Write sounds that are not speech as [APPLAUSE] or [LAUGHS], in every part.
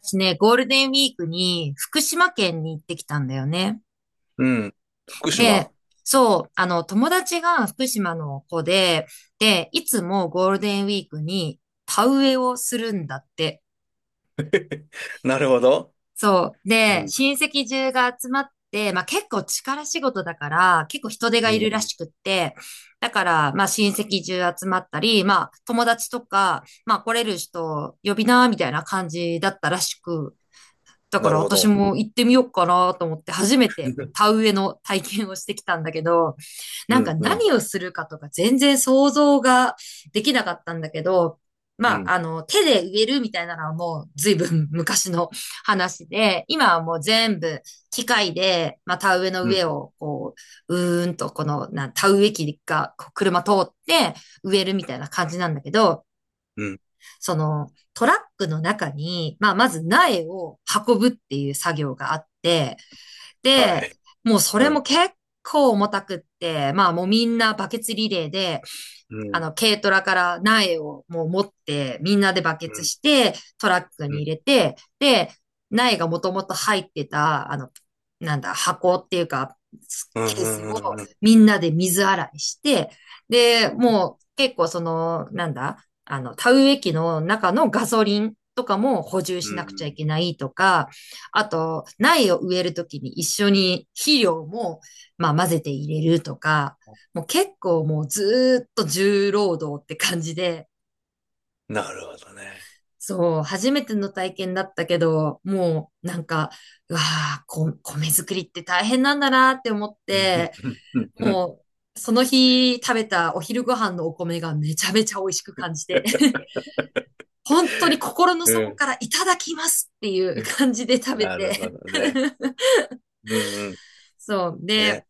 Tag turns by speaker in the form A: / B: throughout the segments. A: 私ね、ゴールデンウィークに福島県に行ってきたんだよね。
B: うん。福島。
A: で、そう、友達が福島の子で、で、いつもゴールデンウィークに田植えをするんだって。
B: なるほど。
A: そう。
B: う
A: で、
B: ん。
A: 親戚中が集まって、まあ結構力仕事だから、結構人手が
B: う
A: い
B: ん。
A: るらしくって、だから、まあ親戚中集まったり、まあ友達とか、まあ来れる人呼びな、みたいな感じだったらしく、だか
B: な
A: ら
B: るほ
A: 私
B: ど。
A: も行ってみようかなと思って、初めて
B: う
A: 田植えの体験をしてきたんだけど、なんか
B: ん。うん。
A: 何をするかとか全然想像ができなかったんだけど、
B: う
A: ま
B: ん。
A: あ、手で植えるみたいなのはもう随分昔の話で、今はもう全部機械で、まあ、田植えの
B: うん。
A: 上をこう、この、田植え機がこう車通って植えるみたいな感じなんだけど、
B: うん。
A: そのトラックの中に、まあ、まず苗を運ぶっていう作業があって、
B: は
A: で、
B: い。
A: もうそ
B: う
A: れも
B: ん。
A: 結構重たくって、まあもうみんなバケツリレーで、
B: うん。
A: 軽トラから苗をもう持って、みんなでバケ
B: う
A: ツ
B: ん。
A: して、トラック
B: う
A: に
B: ん。
A: 入れて、で、苗がもともと入ってた、あの、なんだ、箱っていうか、
B: う
A: ケース
B: ん。
A: を
B: うん。
A: みんなで水洗いして、で、もう結構その、なんだ、あの、田植え機の中のガソリンとかも補充
B: う
A: しなくちゃい
B: ん。
A: けないとか、あと、苗を植えるときに一緒に肥料も、まあ、混ぜて入れるとか、もう結構もうずーっと重労働って感じで、
B: なるほどね。
A: そう、初めての体験だったけど、もうなんか、うわあ、米作りって大変なんだなって思っ
B: う
A: て、
B: ん。
A: もうその日食べたお昼ご飯のお米がめちゃめちゃ美味しく感じて。[LAUGHS] 本当に心の底からいただきますっていう感じで食べ
B: なるほ
A: て
B: どね。
A: [LAUGHS]。
B: うん。うん。
A: そう。で、
B: ね。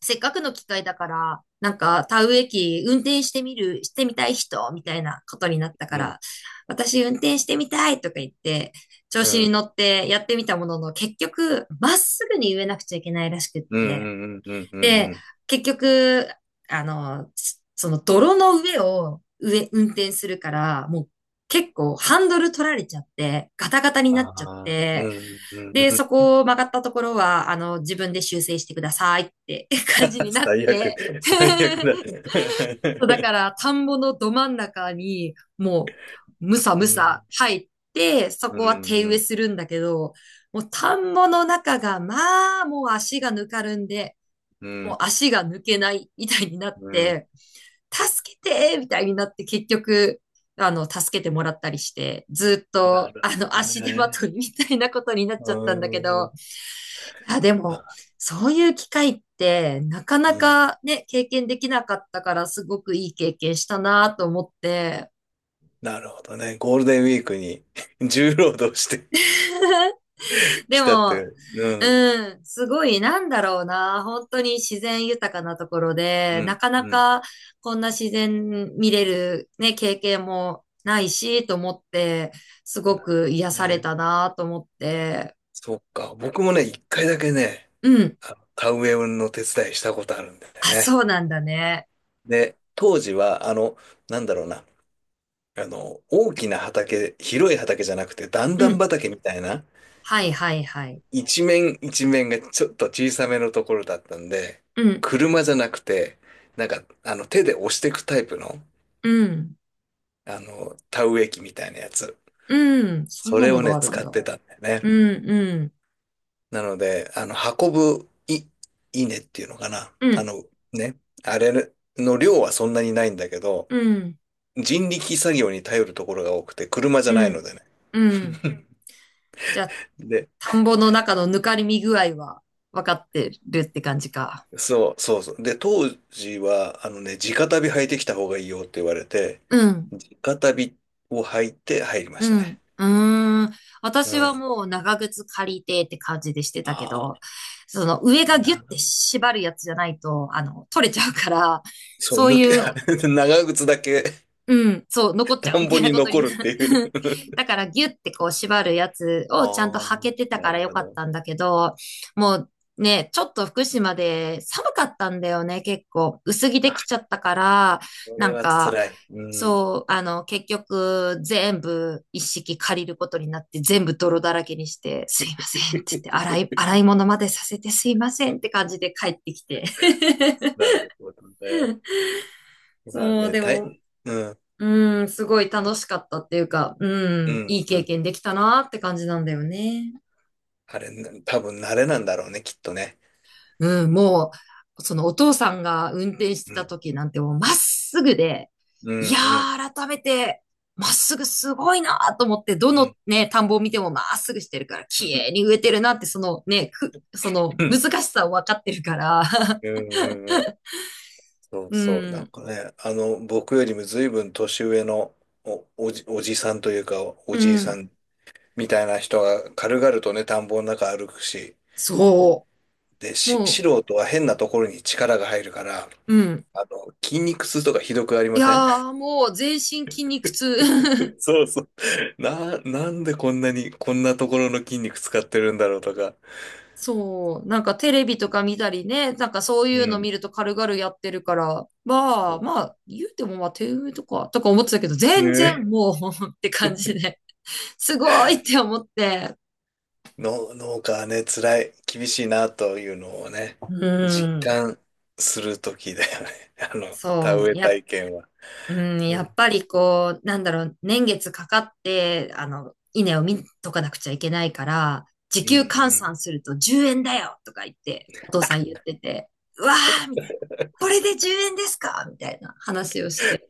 A: せっかくの機会だから、なんか、田植え機運転してみる、してみたい人、みたいなことになったか
B: うん。
A: ら、私運転してみたいとか言って、調
B: う
A: 子
B: ん。う
A: に
B: ん。
A: 乗ってやってみたものの、結局、まっすぐに植えなくちゃいけないらしくっ
B: う
A: て、
B: ん。うん。うん。う
A: で、
B: ん。
A: 結局、あの、その泥の上を運転するから、もう結構ハンドル取られちゃって、ガタガタに
B: あ
A: なっちゃっ
B: あ。う
A: て、
B: ん。う
A: で、そ
B: ん。
A: こを曲がったところは、自分で修正してくださいって [LAUGHS] 感じになっ
B: 最悪。
A: て、
B: 最悪
A: [LAUGHS]
B: だ。
A: そう、だから、田んぼのど真ん中に、もう、むさ
B: う
A: む
B: ん。
A: さ入って、そ
B: う
A: こは
B: ん。
A: 手
B: う
A: 植え
B: ん。
A: するんだけど、もう田んぼの中が、まあ、もう足がぬかるんで、
B: う
A: もう
B: ん。
A: 足が抜けないみたいになっ
B: うん。
A: て、助けてみたいになって結局、助けてもらったりして、ずっ
B: な
A: と、
B: るほど
A: 足手ま
B: ね。
A: といみたいなことになっ
B: う
A: ちゃったんだけ
B: ー
A: ど、
B: ん。
A: いや、でも、
B: あ。
A: そういう機会って、なかな
B: うん。
A: かね、経験できなかったから、すごくいい経験したなと思って。
B: なるほどね。ゴールデンウィークに [LAUGHS] 重労働して
A: [LAUGHS] で
B: きたとい
A: も、
B: う。うん。
A: うん、すごい、なんだろうな。本当に自然豊かなところ
B: う
A: で、な
B: ん。
A: かな
B: うん。
A: かこんな自然見れるね、経験もないし、と思って、す
B: な
A: ご
B: る
A: く癒
B: ほど
A: され
B: ね。
A: たなと思って。
B: そっか。僕もね、一回だけね、
A: うん。
B: あ、田植えの手伝いしたことあるんだよ
A: あ、
B: ね。
A: そうなんだね。
B: で、当時は、なんだろうな。大きな畑、広い畑じゃなくて、段
A: う
B: 々
A: ん。
B: 畑みたいな、
A: はいはいはい。
B: 一面一面がちょっと小さめのところだったんで、
A: うん、
B: 車じゃなくて、なんか、手で押していくタイプの、
A: うん、
B: 田植え機みたいなやつ。
A: うん。そん
B: そ
A: な
B: れ
A: の
B: を
A: が
B: ね、
A: あるん
B: 使っ
A: だ。
B: てたんだよ
A: う
B: ね。
A: ん、うん、
B: なので、運ぶ稲っていうのかな。
A: うん、
B: ね、あれの量はそんなにないんだけど、
A: うん、
B: 人力作業に頼るところが多くて、車じゃ
A: う
B: ないの
A: ん、
B: でね。
A: うん。じゃあ、
B: で、
A: 田んぼの中のぬかりみ具合は分かってるって感じか。
B: そう、そうそう。で、当時は、あのね、直旅履いてきた方がいいよって言われて、
A: うん、
B: 直旅を履いて入りま
A: う
B: した
A: ん、
B: ね。
A: うーん。
B: う
A: 私は
B: ん。
A: もう長靴借りてって感じでしてたけ
B: あ
A: ど、
B: あ、
A: その上がギュッ
B: な
A: て縛るやつじゃないと、取れちゃうから、
B: そう、
A: そういう
B: [LAUGHS] 長靴だけ
A: うん、そう、残っちゃ
B: 田
A: うみ
B: ん
A: た
B: ぼ
A: いな
B: に
A: こと
B: 残
A: に
B: る
A: な
B: って
A: る。
B: いう。
A: [LAUGHS] だからギュってこう縛るやつ
B: あ
A: をちゃんと履け
B: あ、
A: てた
B: な
A: から
B: る
A: よ
B: ほ
A: かっ
B: ど。
A: たんだけど、もうね、ちょっと福島で寒かったんだよね、結構。薄着で
B: あ、
A: きちゃったから、
B: こ
A: な
B: れ
A: ん
B: は
A: か、
B: 辛い。うん。
A: そう、結局全部一式借りることになって全部泥だらけにして、すいませんって言って、洗い、
B: [LAUGHS]
A: 洗い物までさせてすいませんって感じで帰ってきて。[LAUGHS]
B: なるほどね。まあ
A: そう、
B: ね、
A: でも
B: うん、
A: うん、すごい楽しかったっていうか、う
B: う
A: ん、
B: ん、
A: いい
B: う
A: 経
B: ん。
A: 験できたなって感じなんだよね。
B: あれ、多分慣れなんだろうね、きっとね。
A: うん、もう、そのお父さんが運転して
B: う
A: た
B: ん、
A: 時なんてもうまっすぐで、
B: う
A: いや
B: ん、うん、
A: ー、改めて、まっすぐすごいなーと思って、ど
B: う
A: の
B: ん。
A: ね、田んぼを見てもまっすぐしてるから、
B: う
A: 綺
B: ん、
A: 麗に植えてるなって、その難しさを分かってるから、[LAUGHS]
B: うん、うん。そう
A: う
B: そう、なん
A: ん、
B: かね、僕よりも随分年上のおじさんというか、お
A: う
B: じいさ
A: ん、
B: んみたいな人が軽々とね、田んぼの中歩くし、
A: そ
B: で、
A: う、
B: 素
A: も
B: 人は変なところに力が入るから、
A: う、うん。
B: 筋肉痛とかひどくあり
A: い
B: ません？
A: やー、もう全身筋肉痛。[LAUGHS]
B: [LAUGHS] そうそう。なんでこんなに、こんなところの筋肉使ってるんだろうとか。
A: そう、なんかテレビとか見たりね、なんかそうい
B: う
A: うの
B: ん。
A: 見ると軽々やってるから、まあ
B: そ
A: まあ、言うてもまあ手埋とか、思ってたけど、
B: う。[LAUGHS]
A: 全然
B: ね。
A: もう [LAUGHS] って感じで、すごいって思って、
B: 農家はね、辛い、厳しいなというのをね、
A: う
B: 実
A: ん、
B: 感するときだよね。[LAUGHS] 田
A: そう、
B: 植え体験は。
A: うん、
B: う
A: やっ
B: ん、
A: ぱりこう、なんだろう、年月かかって、稲を見とかなくちゃいけないから、時
B: う
A: 給
B: ん、
A: 換
B: うん。
A: 算すると10円だよとか言って、お父さん言ってて、うわーみたいな。これで10円ですかみたいな話をして。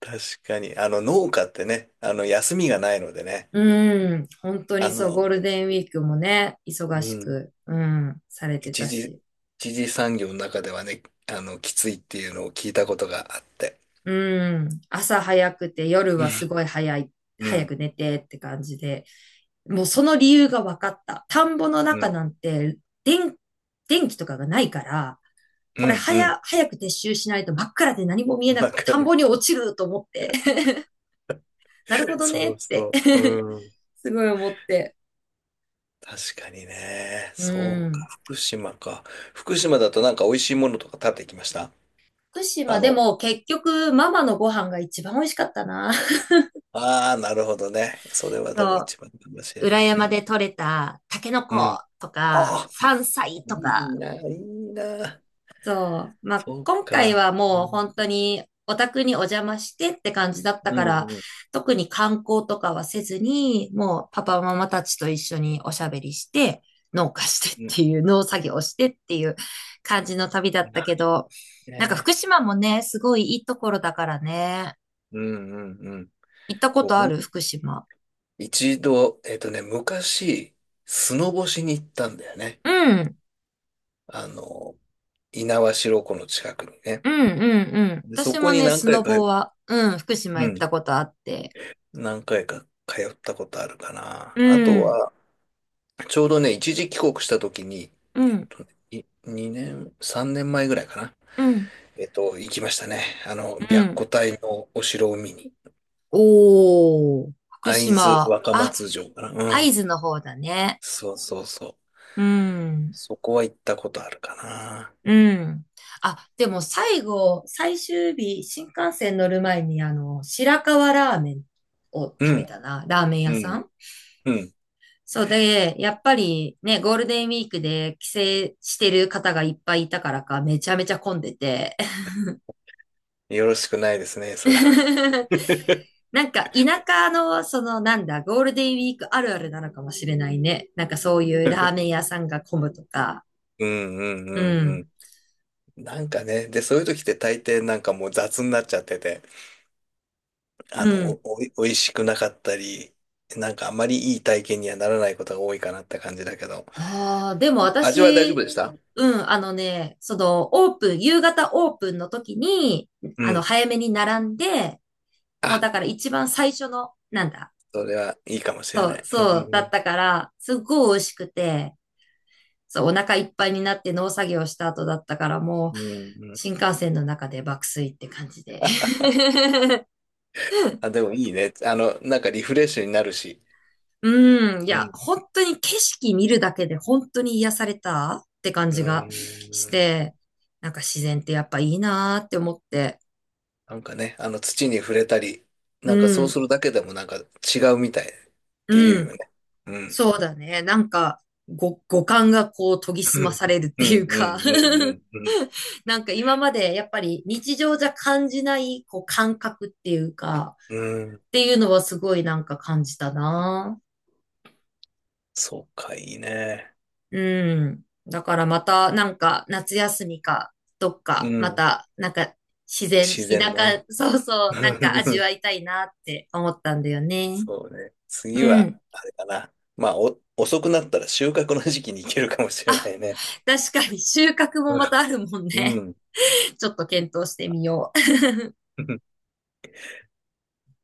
B: 確かに。農家ってね、休みがないのでね、
A: うん、本当
B: あ
A: にそう、ゴ
B: の、
A: ールデンウィークもね、忙
B: う
A: し
B: ん、
A: く、うん、されて
B: 一
A: た
B: 時、
A: し。
B: 一時産業の中ではね、きついっていうのを聞いたことがあって。
A: うん、朝早くて夜
B: うん、
A: はすごい早い、
B: う
A: 早
B: ん、
A: く寝てって感じで、もうその理由が分かった。田んぼの
B: う
A: 中
B: ん、
A: なんて、電、電気とかがないから、
B: う
A: これ
B: ん。うん。
A: 早く撤収しないと真っ暗で何も見えなく
B: わ
A: て
B: か
A: 田んぼ
B: る。
A: に落ちると思って。[LAUGHS] なるほどね
B: そう
A: って
B: そう。
A: [LAUGHS]
B: うん。
A: すごい思って。
B: 確かにね。
A: う
B: そうか。
A: ん。
B: 福島か。福島だとなんか美味しいものとか食べてきました？
A: 福
B: あ
A: 島で
B: の、
A: も結局ママのご飯が一番美味しかったな。[LAUGHS]
B: ああ、なるほどね。それはでも
A: そ
B: 一番かもし
A: う、
B: れ
A: 裏
B: ない
A: 山
B: ね。
A: で採れたタケノ
B: う
A: コ
B: ん。
A: とか、
B: ああ、
A: 山菜と
B: いい
A: か、
B: な、いいな。
A: そう。まあ、
B: そう
A: 今回
B: か。
A: は
B: う
A: もう
B: ん、
A: 本当にお宅にお邪魔してって感じだった
B: う
A: か
B: ん、
A: ら、
B: うん。
A: 特に観光とかはせずに、もうパパママたちと一緒におしゃべりして、農家してっ
B: う
A: て
B: ん。
A: いう、農作業をしてっていう感じの旅だった
B: な
A: けど、なんか
B: ね。
A: 福島もね、すごいいいところだからね。
B: うん、うん、うん。
A: 行ったこと
B: 僕
A: あ
B: も
A: る福島。
B: 一度、ね、昔、スノボしに行ったんだよね。
A: うん。
B: あの、猪苗代湖の近くにね。
A: うん、うん、うん。
B: で、そ
A: 私
B: こ
A: も
B: に
A: ね、
B: 何
A: スノ
B: 回か、
A: ボは、うん、福島
B: う
A: 行っ
B: ん。
A: たことあって。
B: 何回か通ったことあるかな。
A: う
B: あと
A: ん、
B: は、ちょうどね、一時帰国した時に、
A: う
B: えっ
A: ん、
B: と、2年、3年前ぐらいかな。
A: うん、
B: 行きましたね。
A: う
B: 白虎
A: ん。
B: 隊のお城を見に。
A: おー、福
B: 会津
A: 島。
B: 若
A: あ、
B: 松城かな。う
A: 会
B: ん。
A: 津の方だね。
B: そうそうそう。
A: うん、
B: そこは行ったことあるかな。
A: うん。あ、でも最終日、新幹線乗る前に、白河ラーメンを
B: う
A: 食べ
B: ん、
A: たな。ラーメン
B: う
A: 屋さ
B: ん、
A: ん。
B: うん。
A: そうで、やっぱりね、ゴールデンウィークで帰省してる方がいっぱいいたからか、めちゃめちゃ混んでて。
B: よろしくないですね、それは。
A: [LAUGHS]
B: [LAUGHS]
A: なんか田舎の、そのなんだ、ゴールデンウィークあるあるなのかもしれないね。なんかそういうラーメン屋さんが混むとか。
B: うん、うん、
A: う
B: う
A: ん。
B: ん、うん。なんかね、で、そういう時って大抵なんかもう雑になっちゃってて、あ
A: う
B: の、
A: ん。
B: お、おい、美味しくなかったり、なんかあまりいい体験にはならないことが多いかなって感じだけど。
A: ああ、でも
B: 味は大丈夫
A: 私、
B: でした？
A: うん、オープン、夕方オープンの時に、
B: うん。
A: 早めに並んで、もう
B: あ、
A: だから一番最初の、なんだ、
B: それはいいかもしれ
A: そ
B: な
A: う、
B: い。う
A: そうだっ
B: ん。
A: たから、すっごい美味しくて、そう、お腹いっぱいになって農作業した後だったから、もう、
B: うん。うん。
A: 新幹線の中で爆睡って感じで。[LAUGHS]
B: あ、でもいいね。なんかリフレッシュになるし。
A: うん、い
B: う
A: や、
B: ん。
A: 本当に景色見るだけで本当に癒されたって感じが
B: う
A: し
B: ん。
A: て、なんか自然ってやっぱいいなーって思って。
B: なんかね、あの土に触れたり、
A: う
B: なんかそう
A: ん、
B: するだけでもなんか違うみたいって言う
A: うん、
B: よね。うん。
A: そうだね。なんか、五感がこう研ぎ澄まさ
B: [LAUGHS]
A: れるっ
B: う
A: てい
B: ん、うん、
A: う
B: う
A: か
B: ん、
A: [LAUGHS]
B: うん、
A: なんか今までやっぱり日常じゃ感じないこう感覚っていうか、
B: うん。うん。
A: っていうのはすごいなんか感じたな。
B: そうか、いいね。
A: うん。だからまたなんか夏休みかどっ
B: う
A: かま
B: ん。
A: たなんか自然、
B: 自然
A: 田
B: の。
A: 舎、そうそう、なんか味
B: [LAUGHS]
A: わいたいなって思ったんだよね。
B: そうね。次
A: う
B: は、
A: ん。
B: あれかな。まあ、遅くなったら収穫の時期に行けるかもしれないね。
A: 確かに収穫もまたあるもん
B: う
A: ね。
B: ん。
A: [LAUGHS] ちょっと検討してみよう。
B: うん